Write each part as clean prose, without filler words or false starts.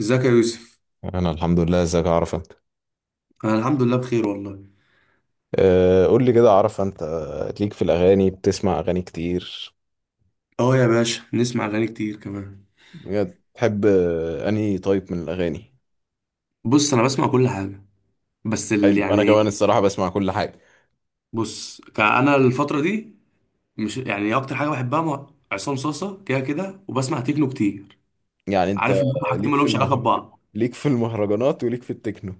ازيك يا يوسف. انا الحمد لله. ازيك يا عرفة انت؟ انا الحمد لله بخير والله. أه قول لي كده يا عرفة، انت ليك في الاغاني؟ بتسمع اغاني كتير اه يا باشا نسمع اغاني كتير كمان. بجد؟ تحب انهي طيب من الاغاني؟ بص انا بسمع كل حاجه بس ال حلو، انا يعني. كمان الصراحة بسمع كل حاجة. بص انا الفتره دي مش يعني اكتر حاجه بحبها عصام صاصا كده كده وبسمع تكنو كتير. يعني انت عارف ان هم حاجتين ليك ما في لهمش علاقه المهر ببعض. ليك في المهرجانات وليك في التكنو.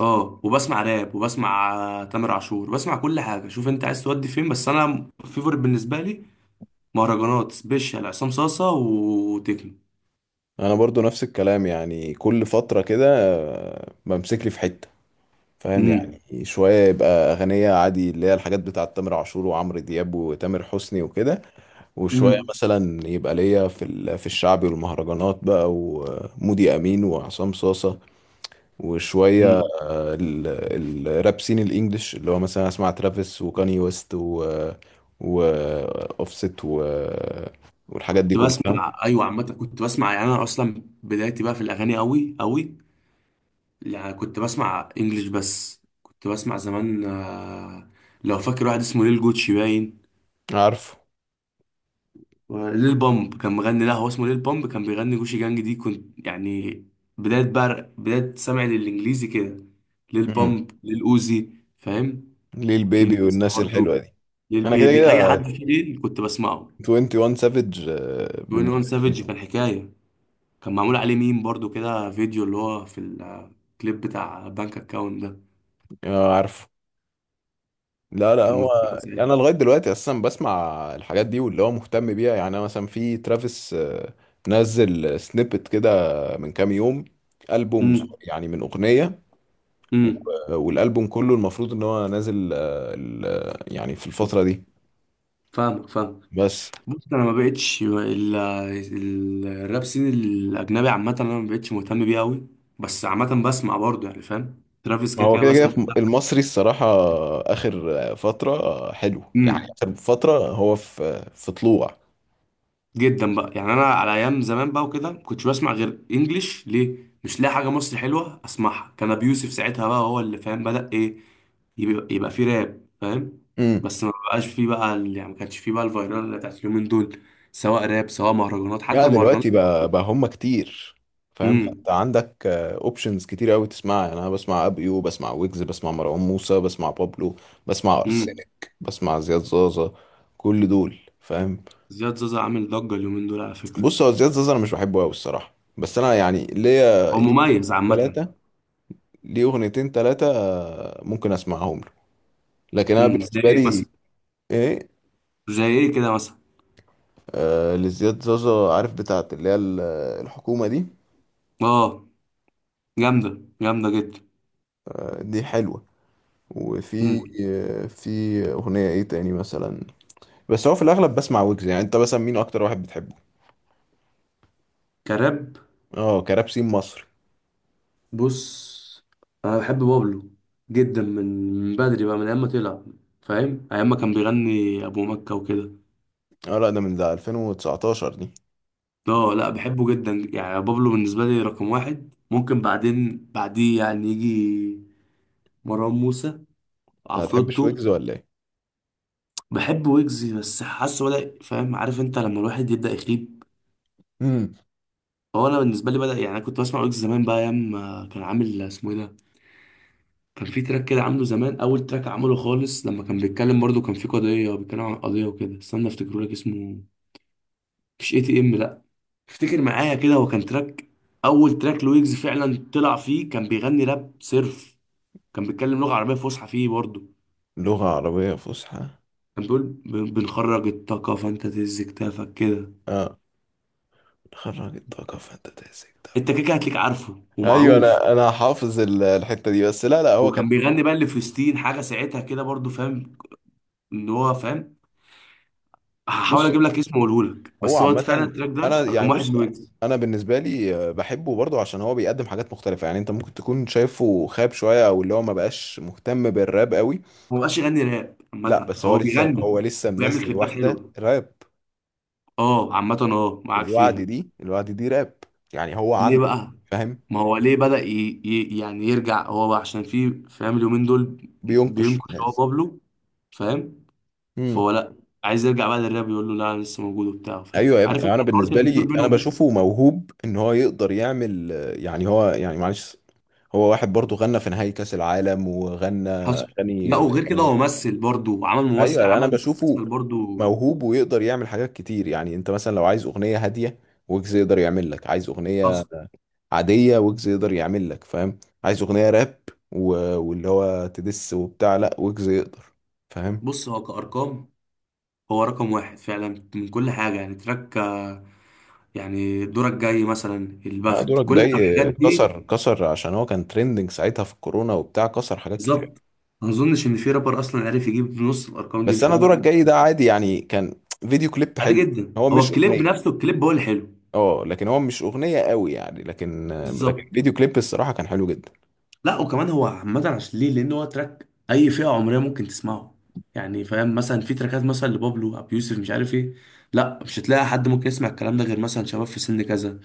اه وبسمع راب وبسمع تامر عاشور بسمع كل حاجه. شوف انت عايز تودي فين بس انا فيفورت بالنسبه لي مهرجانات سبيشال عصام صاصا وتكنو. انا برضو نفس الكلام، يعني كل فترة كده بمسك لي في حتة، فاهم؟ امم يعني شوية يبقى أغنية عادي اللي هي الحاجات بتاعة تامر عاشور وعمرو دياب وتامر حسني وكده، وشوية مثلا يبقى ليا في في الشعبي والمهرجانات بقى ومودي أمين وعصام صاصة، وشوية امم الراب سين الإنجليش اللي هو مثلا أسمع ترافيس وكاني ويست و وأوفست والحاجات دي كنت كلها. بسمع ايوه، عامه كنت بسمع يعني انا اصلا بدايتي بقى في الاغاني قوي قوي. يعني كنت بسمع انجليش بس كنت بسمع زمان لو فاكر واحد اسمه ليل جوتشي باين. عارفه. ليل بامب كان مغني، لا هو اسمه ليل بامب كان بيغني جوشي جانج دي، كنت يعني بدايه بقى، بدايه سمعي للانجليزي كده ليل مم. بامب ليل اوزي. فاهم. ليل كيني بيبي ويست والناس الحلوة برضه. دي. ليل أنا كده بيبي اي كده حد فيه ليل كنت بسمعه. 21 سافيج بالنسبة 21 لي. سافيج كان حكايه. كان معمول عليه ميم برضو كده فيديو اللي هو في الكليب بتاع بنك اكاونت ده. اه عارف. لا، لا، كان هو من فترة انا زيادة. لغايه دلوقتي اساسا بسمع الحاجات دي واللي هو مهتم بيها، يعني انا مثلا في ترافيس نزل سنيبت كده من كام يوم. البوم ص- امم يعني من اغنيه، امم والالبوم كله المفروض ان هو نازل يعني في الفتره دي. فاهمك. بس بص انا ما بقتش الراب سين الاجنبي عامة انا ما بقتش مهتم بيه قوي. بس عامة بسمع برضو يعني فاهم ترافيس ما كده هو كده كده كده بسمع. في المصري الصراحه اخر فتره حلو، يعني امم اخر فتره هو في طلوع. جدا بقى، يعني انا على ايام زمان بقى وكده ما كنتش بسمع غير انجليش ليه، مش لاقي حاجه مصري حلوه اسمعها، كان ابي يوسف ساعتها بقى هو اللي فاهم بدا ايه. يبقى فيه راب فاهم. بس ما بقاش فيه بقى ال- يعني ما كانش فيه بقى الفيرال اللي بتاعت اليومين دول، سواء راب سواء مهرجانات حتى لا المهرجانات. دلوقتي بقى هم كتير، فاهم؟ فانت امم عندك اوبشنز كتير قوي تسمعها، يعني انا بسمع ابيو، بسمع ويجز، بسمع مروان موسى، بسمع بابلو، بسمع امم ارسنك، بسمع زياد زازا. كل دول فاهم. زياد زازا عامل ضجه اليومين دول على فكره. بص هو زياد زازا انا مش بحبه قوي الصراحه، بس انا يعني ليا هو ليه مميز عامه. ثلاثه، ليه اغنيتين ثلاثه ممكن اسمعهم له، لكن انا زي بالنسبه ايه لي مثلا؟ ايه. زي ايه كده مثلا؟ آه لزياد زازا، عارف بتاعت اللي هي الحكومه دي. اه جامده، جامده جدا. آه دي حلوه. وفي امم في اغنيه ايه تاني مثلا؟ بس هو في الاغلب بسمع ويجز. يعني انت مثلا مين اكتر واحد بتحبه؟ كراب. اه كراب سين مصري. بص انا بحب بابلو جدا، من من بدري بقى من ايام ما طلع. فاهم ايام ما كان بيغني ابو مكة وكده. اه لا، ده من ده 2019 دي انت. اه لا بحبه جدا يعني بابلو بالنسبة لي رقم واحد. ممكن بعدين بعديه يعني يجي مروان موسى هتحبش عفروتو. ويجز ولا ايه؟ بحب ويجز بس حاسه بدأ فاهم، عارف انت لما الواحد يبدأ يخيب. امم هو انا بالنسبة لي بدأ. يعني انا كنت بسمع ويجز زمان بقى ايام ما كان عامل اسمه ايه ده. كان في تراك كده عامله زمان، اول تراك عمله خالص لما كان بيتكلم برضه كان في قضيه، بيتكلم عن قضيه وكده. استنى افتكره لك، اسمه مش اي تي ام لا. افتكر معايا كده هو كان تراك، اول تراك لويجز فعلا طلع فيه، كان بيغني راب صرف. كان بيتكلم لغه عربيه فصحى فيه برضه. لغه عربيه فصحى. كان بيقول بنخرج الطاقه فانت تهز كتافك كده. اه خرجت طاقه فانت تمسك ده. انت كده كده هتلاقيك عارفه ايوه، ومعروف. انا حافظ الحته دي. بس لا، لا، هو كان. وكان بيغني بقى لفلسطين حاجه ساعتها كده برضه فاهم ان هو فاهم. بص هحاول اجيب لك اسمه واقوله لك هو بس هو فعلا عامة، التراك أنا ده يعني رقم واحد بص لويجز. أنا بالنسبة لي بحبه برضه عشان هو بيقدم حاجات مختلفة. يعني أنت ممكن تكون شايفه خاب شوية أو اللي هو ما بقاش مهتم بالراب قوي. هو مبقاش يغني راب لا عامة، بس هو هو لسه بيغني هو لسه بيعمل منزل كليبات واحدة حلوة. راب. اه عامة اه معاك فيها. الوعد دي راب، يعني هو ليه عنده، بقى؟ فاهم، ما هو ليه بدأ يعني يرجع هو بقى عشان في فاهم اليومين دول بينقش في بينكش هو الناس. بابلو. فاهم؟ امم فهو لأ، عايز يرجع بقى للراب، يقول له لا أنا لسه موجود وبتاع. فاهم؟ ايوه يا ابني. عارف انت يعني انا الحوارات بالنسبه اللي بتدور لي انا بينهم دي؟ بشوفه موهوب ان هو يقدر يعمل يعني هو يعني معلش، هو واحد برضه غنى في نهائي كاس العالم وغنى حصل. لا اغاني وغير كده وطنية. هو ممثل برضه، وعمل ممثل ايوه انا عمل مسلسل بشوفه برضه. موهوب ويقدر يعمل حاجات كتير. يعني انت مثلا لو عايز اغنيه هاديه ويجز يقدر يعمل لك، عايز اغنيه حصل. عاديه ويجز يقدر يعمل لك، فاهم؟ عايز اغنيه راب واللي هو تدس وبتاع، لا ويجز يقدر، فاهم. بص هو كأرقام هو رقم واحد فعلا من كل حاجة، يعني تراك يعني دورك جاي مثلا، لا، البخت، دورك كل ده دورك الحاجات دي. كسر كسر عشان هو كان ترندنج ساعتها في الكورونا وبتاع، كسر حاجات كتير. بالظبط. ما اظنش ان في رابر اصلا عارف يجيب نص الارقام دي، بس مش انا هقول لك دورك حاجة. جاي ده عادي يعني، كان فيديو كليب عادي حلو. جدا، هو هو مش الكليب اغنيه، نفسه الكليب هو اللي حلو. اه لكن هو مش اغنيه قوي يعني، لكن لكن بالظبط. فيديو كليب الصراحه كان حلو جدا. لا وكمان هو عامه عشان ليه، لان هو تراك اي فئه عمريه ممكن تسمعه. يعني فاهم مثلا في تراكات مثلا لبابلو ابو يوسف مش عارف ايه، لا مش هتلاقي حد ممكن يسمع الكلام ده غير مثلا شباب في سن كذا.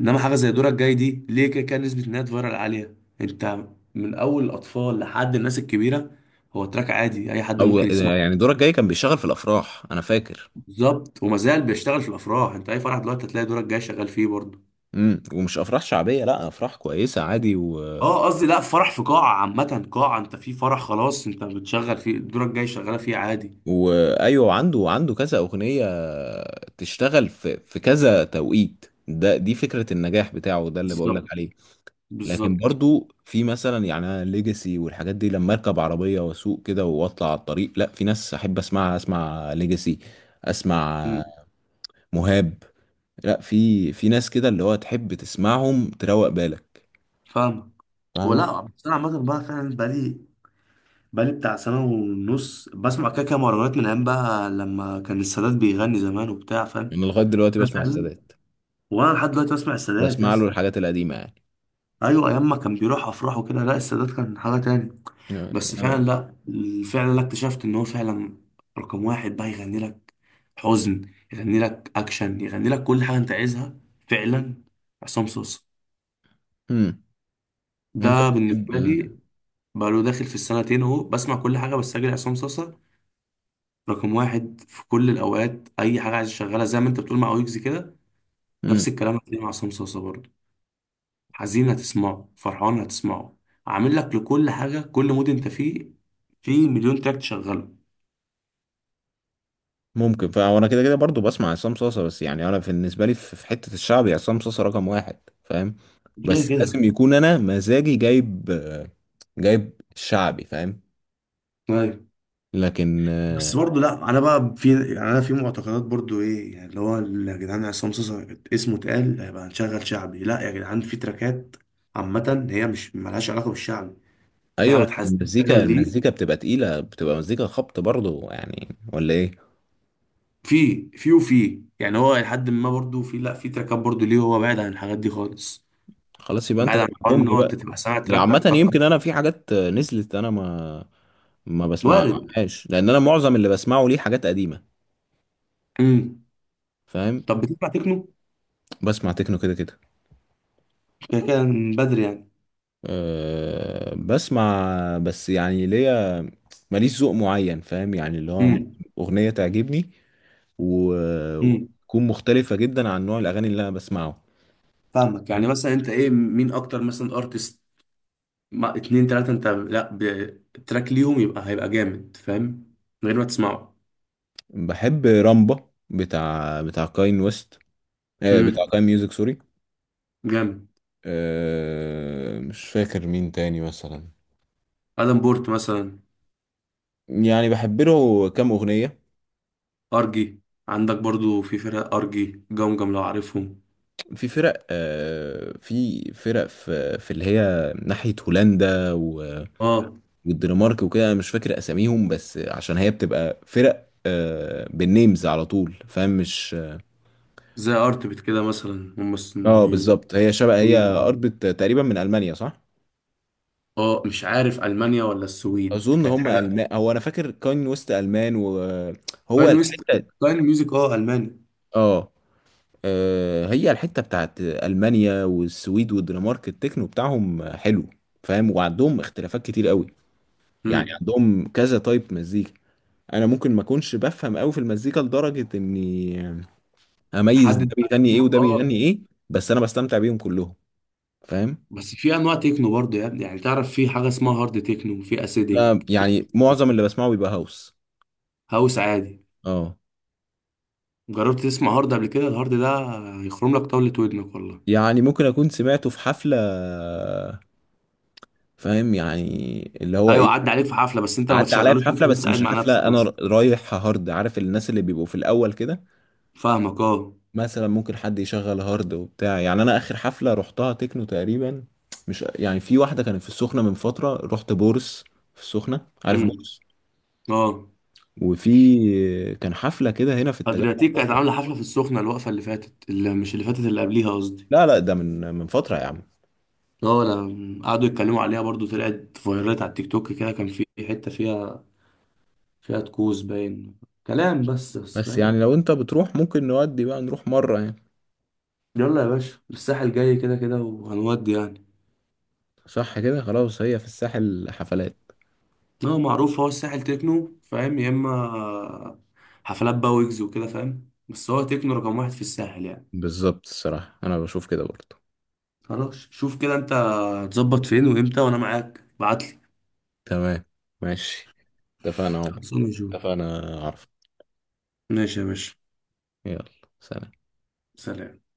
انما حاجه زي دورك جاي دي ليه كده كده نسبه انها فايرال عاليه. انت من اول الاطفال لحد الناس الكبيره، هو تراك عادي اي حد او، ممكن يعني يسمعه. دورك جاي كان بيشتغل في الافراح انا فاكر. بالظبط، وما زال بيشتغل في الافراح. انت اي فرح دلوقتي هتلاقي دورك جاي شغال فيه برضه. ومش افراح شعبيه، لا افراح كويسه عادي اه قصدي لا فرح في قاعه عامه قاعه، انت في فرح خلاص انت بتشغل فيه دورك جاي شغاله فيه عادي. وايوه، عنده كذا اغنيه تشتغل في كذا توقيت، ده دي فكره النجاح بتاعه، ده اللي بقول لك بالظبط. عليه. لكن بالظبط. برضو في مثلا، يعني ليجاسي والحاجات دي لما اركب عربيه واسوق كده واطلع على الطريق، لا في ناس احب اسمعها، اسمع ليجاسي، اسمع امم مهاب، لا في ناس كده اللي هو تحب تسمعهم تروق بالك. فاهمك. فاهمك. ولا بس انا عامه بقى فعلا بقالي بتاع سنه ونص بسمع كده كده مهرجانات من ايام بقى لما كان السادات بيغني زمان وبتاع فاهم. انا لغايه دلوقتي أنا بسمع فعلا. السادات. وانا لحد دلوقتي بسمع السادات يا بسمع له اسطى. الحاجات القديمه يعني. ايوه ايام ما كان بيروح افراح وكده لا، السادات كان حاجه تاني. بس فعلا انا. لا. فعلا لا، اكتشفت ان هو فعلا رقم واحد بقى. يغني لك حزن، يغني لك اكشن، يغني لك كل حاجه انت عايزها. فعلا. عصام صوصه امم انت ده بتحب. بالنسبه لي. بقى له داخل في السنتين اهو بسمع كل حاجه بس اجري عصام صوصه رقم واحد في كل الاوقات. اي حاجه عايز اشغلها زي ما انت بتقول مع ويجز كده، نفس امم الكلام هتلاقيه مع عصام صوصه برضه. حزين هتسمعه، فرحان هتسمعه، عامل لك لكل حاجة كل مود انت فيه في مليون تراك تشغله. ممكن، فانا كده كده برضو بسمع عصام صاصا، بس يعني انا بالنسبه لي في حته الشعبي عصام صاصا رقم واحد، فاهم. كده بس كده. لازم يكون انا مزاجي جايب، جايب شعبي، فاهم. ايوه. لكن بس برضه لا انا بقى يعني انا في معتقدات برضه ايه يعني اللي هو، يا جدعان عصام صاصا اسمه اتقال هيبقى هنشغل شعبي، لا يا جدعان في تراكات عامة هي مش ملهاش علاقة بالشعبي. في ايوه بس حاجات حزينة فعلا المزيكا ليه. المزيكا بتبقى تقيله، بتبقى مزيكا خبط برضو يعني، ولا ايه؟ في يعني هو لحد ما برضو في، لا في تراكات برضو ليه هو بعيد عن الحاجات دي خالص. خلاص يبقى انت بعيد عن حوار تبقى ان لي هو انت بقى. تبقى سامع يعني تراك عامه طق. يمكن انا في حاجات نزلت انا ما وارد. بسمعهاش، لان انا معظم اللي بسمعه ليه حاجات قديمه، امم فاهم. طب بتسمع تكنو بسمع تكنو كده كده. كده كده من بدري يعني. أه بسمع، بس يعني ليا ماليش ذوق معين، فاهم؟ يعني اللي هو ممكن امم اغنيه تعجبني امم وتكون مختلفه جدا عن نوع الاغاني اللي انا بسمعه. فاهمك. فاهم. يعني مثلا انت ايه مين اكتر مثلا ارتست ما اتنين تلاتة انت، لا بتراك ليهم يبقى هيبقى جامد فاهم من غير ما تسمعه. بحب رامبا، بتاع كاين ويست. أه بتاع امم كاين ميوزك سوري. جامد. أه مش فاكر مين تاني مثلا. ادم بورت مثلا. يعني بحب له كام اغنيه. ارجي. عندك برضو في فرق ارجي جمجم لو عارفهم. في فرق في اللي هي ناحية هولندا اه. والدنمارك وكده، انا مش فاكر اساميهم بس عشان هي بتبقى فرق بالنيمز على طول، فاهم؟ مش زي ارتبت كده مثلا هم اه بالظبط، هي شبه، سويد هي دول. قربت تقريبا من المانيا صح؟ اه مش عارف المانيا ولا السويد اظن كانت هم حاجه. المان، هو انا فاكر كاين ويست المان، وهو كاين ويست، الحتة. كاين ميوزك، اه الماني. اه هي الحتة بتاعت المانيا والسويد والدنمارك، التكنو بتاعهم حلو، فاهم؟ وعندهم اختلافات كتير قوي، يعني امم عندهم كذا تايب مزيكا. انا ممكن ما اكونش بفهم قوي في المزيكا لدرجه اني اميز تحدد ده بقى بيغني ايه التكنو. وده اه. بيغني ايه، بس انا بستمتع بيهم كلهم، فاهم. بس في انواع تكنو برضه يا ابني يعني، تعرف في حاجه اسمها هارد تكنو، في لا اسيديك، في. يعني معظم اللي بسمعه بيبقى هاوس. هاوس عادي. اه، جربت تسمع هارد قبل كده؟ الهارد ده هيخرم لك طاوله ودنك والله. يعني ممكن اكون سمعته في حفله، فاهم؟ يعني اللي هو ايوه ايه. عدى عليك في حفله بس انت ما عدى عليا في تشغلوش انت حفله، وأنت بس قاعد مش مع نفسك الحفله انا مثلا. رايح هارد، عارف الناس اللي بيبقوا في الاول كده، فاهمك اه. مثلا ممكن حد يشغل هارد وبتاع. يعني انا اخر حفله رحتها تكنو تقريبا، مش يعني، في واحده كانت في السخنه من فتره، رحت بورس في السخنه، عارف امم بورس؟ اه. وفي كان حفله كده هنا في التجمع ادرياتيك كانت برضه. عامله حفله في السخنه الوقفه اللي فاتت، اللي مش اللي فاتت اللي قبليها قصدي. لا لا، ده من فتره يا عم. اه لا قعدوا يتكلموا عليها برضو، طلعت فايرات على التيك توك كده، كان في حته فيها فيها تكوز باين كلام بس بس بس يعني فاهم. لو انت بتروح ممكن نودي بقى، نروح مره يعني. يلا يا باشا الساحل جاي كده كده وهنودي يعني. صح كده، خلاص، هي في الساحل حفلات. هو معروف هو الساحل تكنو فاهم يا اما. حفلات بقى ويجز وكده فاهم بس هو تكنو رقم واحد في الساحل يعني. بالظبط الصراحه انا بشوف كده برضه. خلاص شوف كده انت هتظبط فين وامتى وانا معاك ابعتلي. تمام، ماشي، اتفقنا اهو. خلصانه يا جو. اتفقنا، عارف. ماشي يا باشا. يلا سلام. سلام.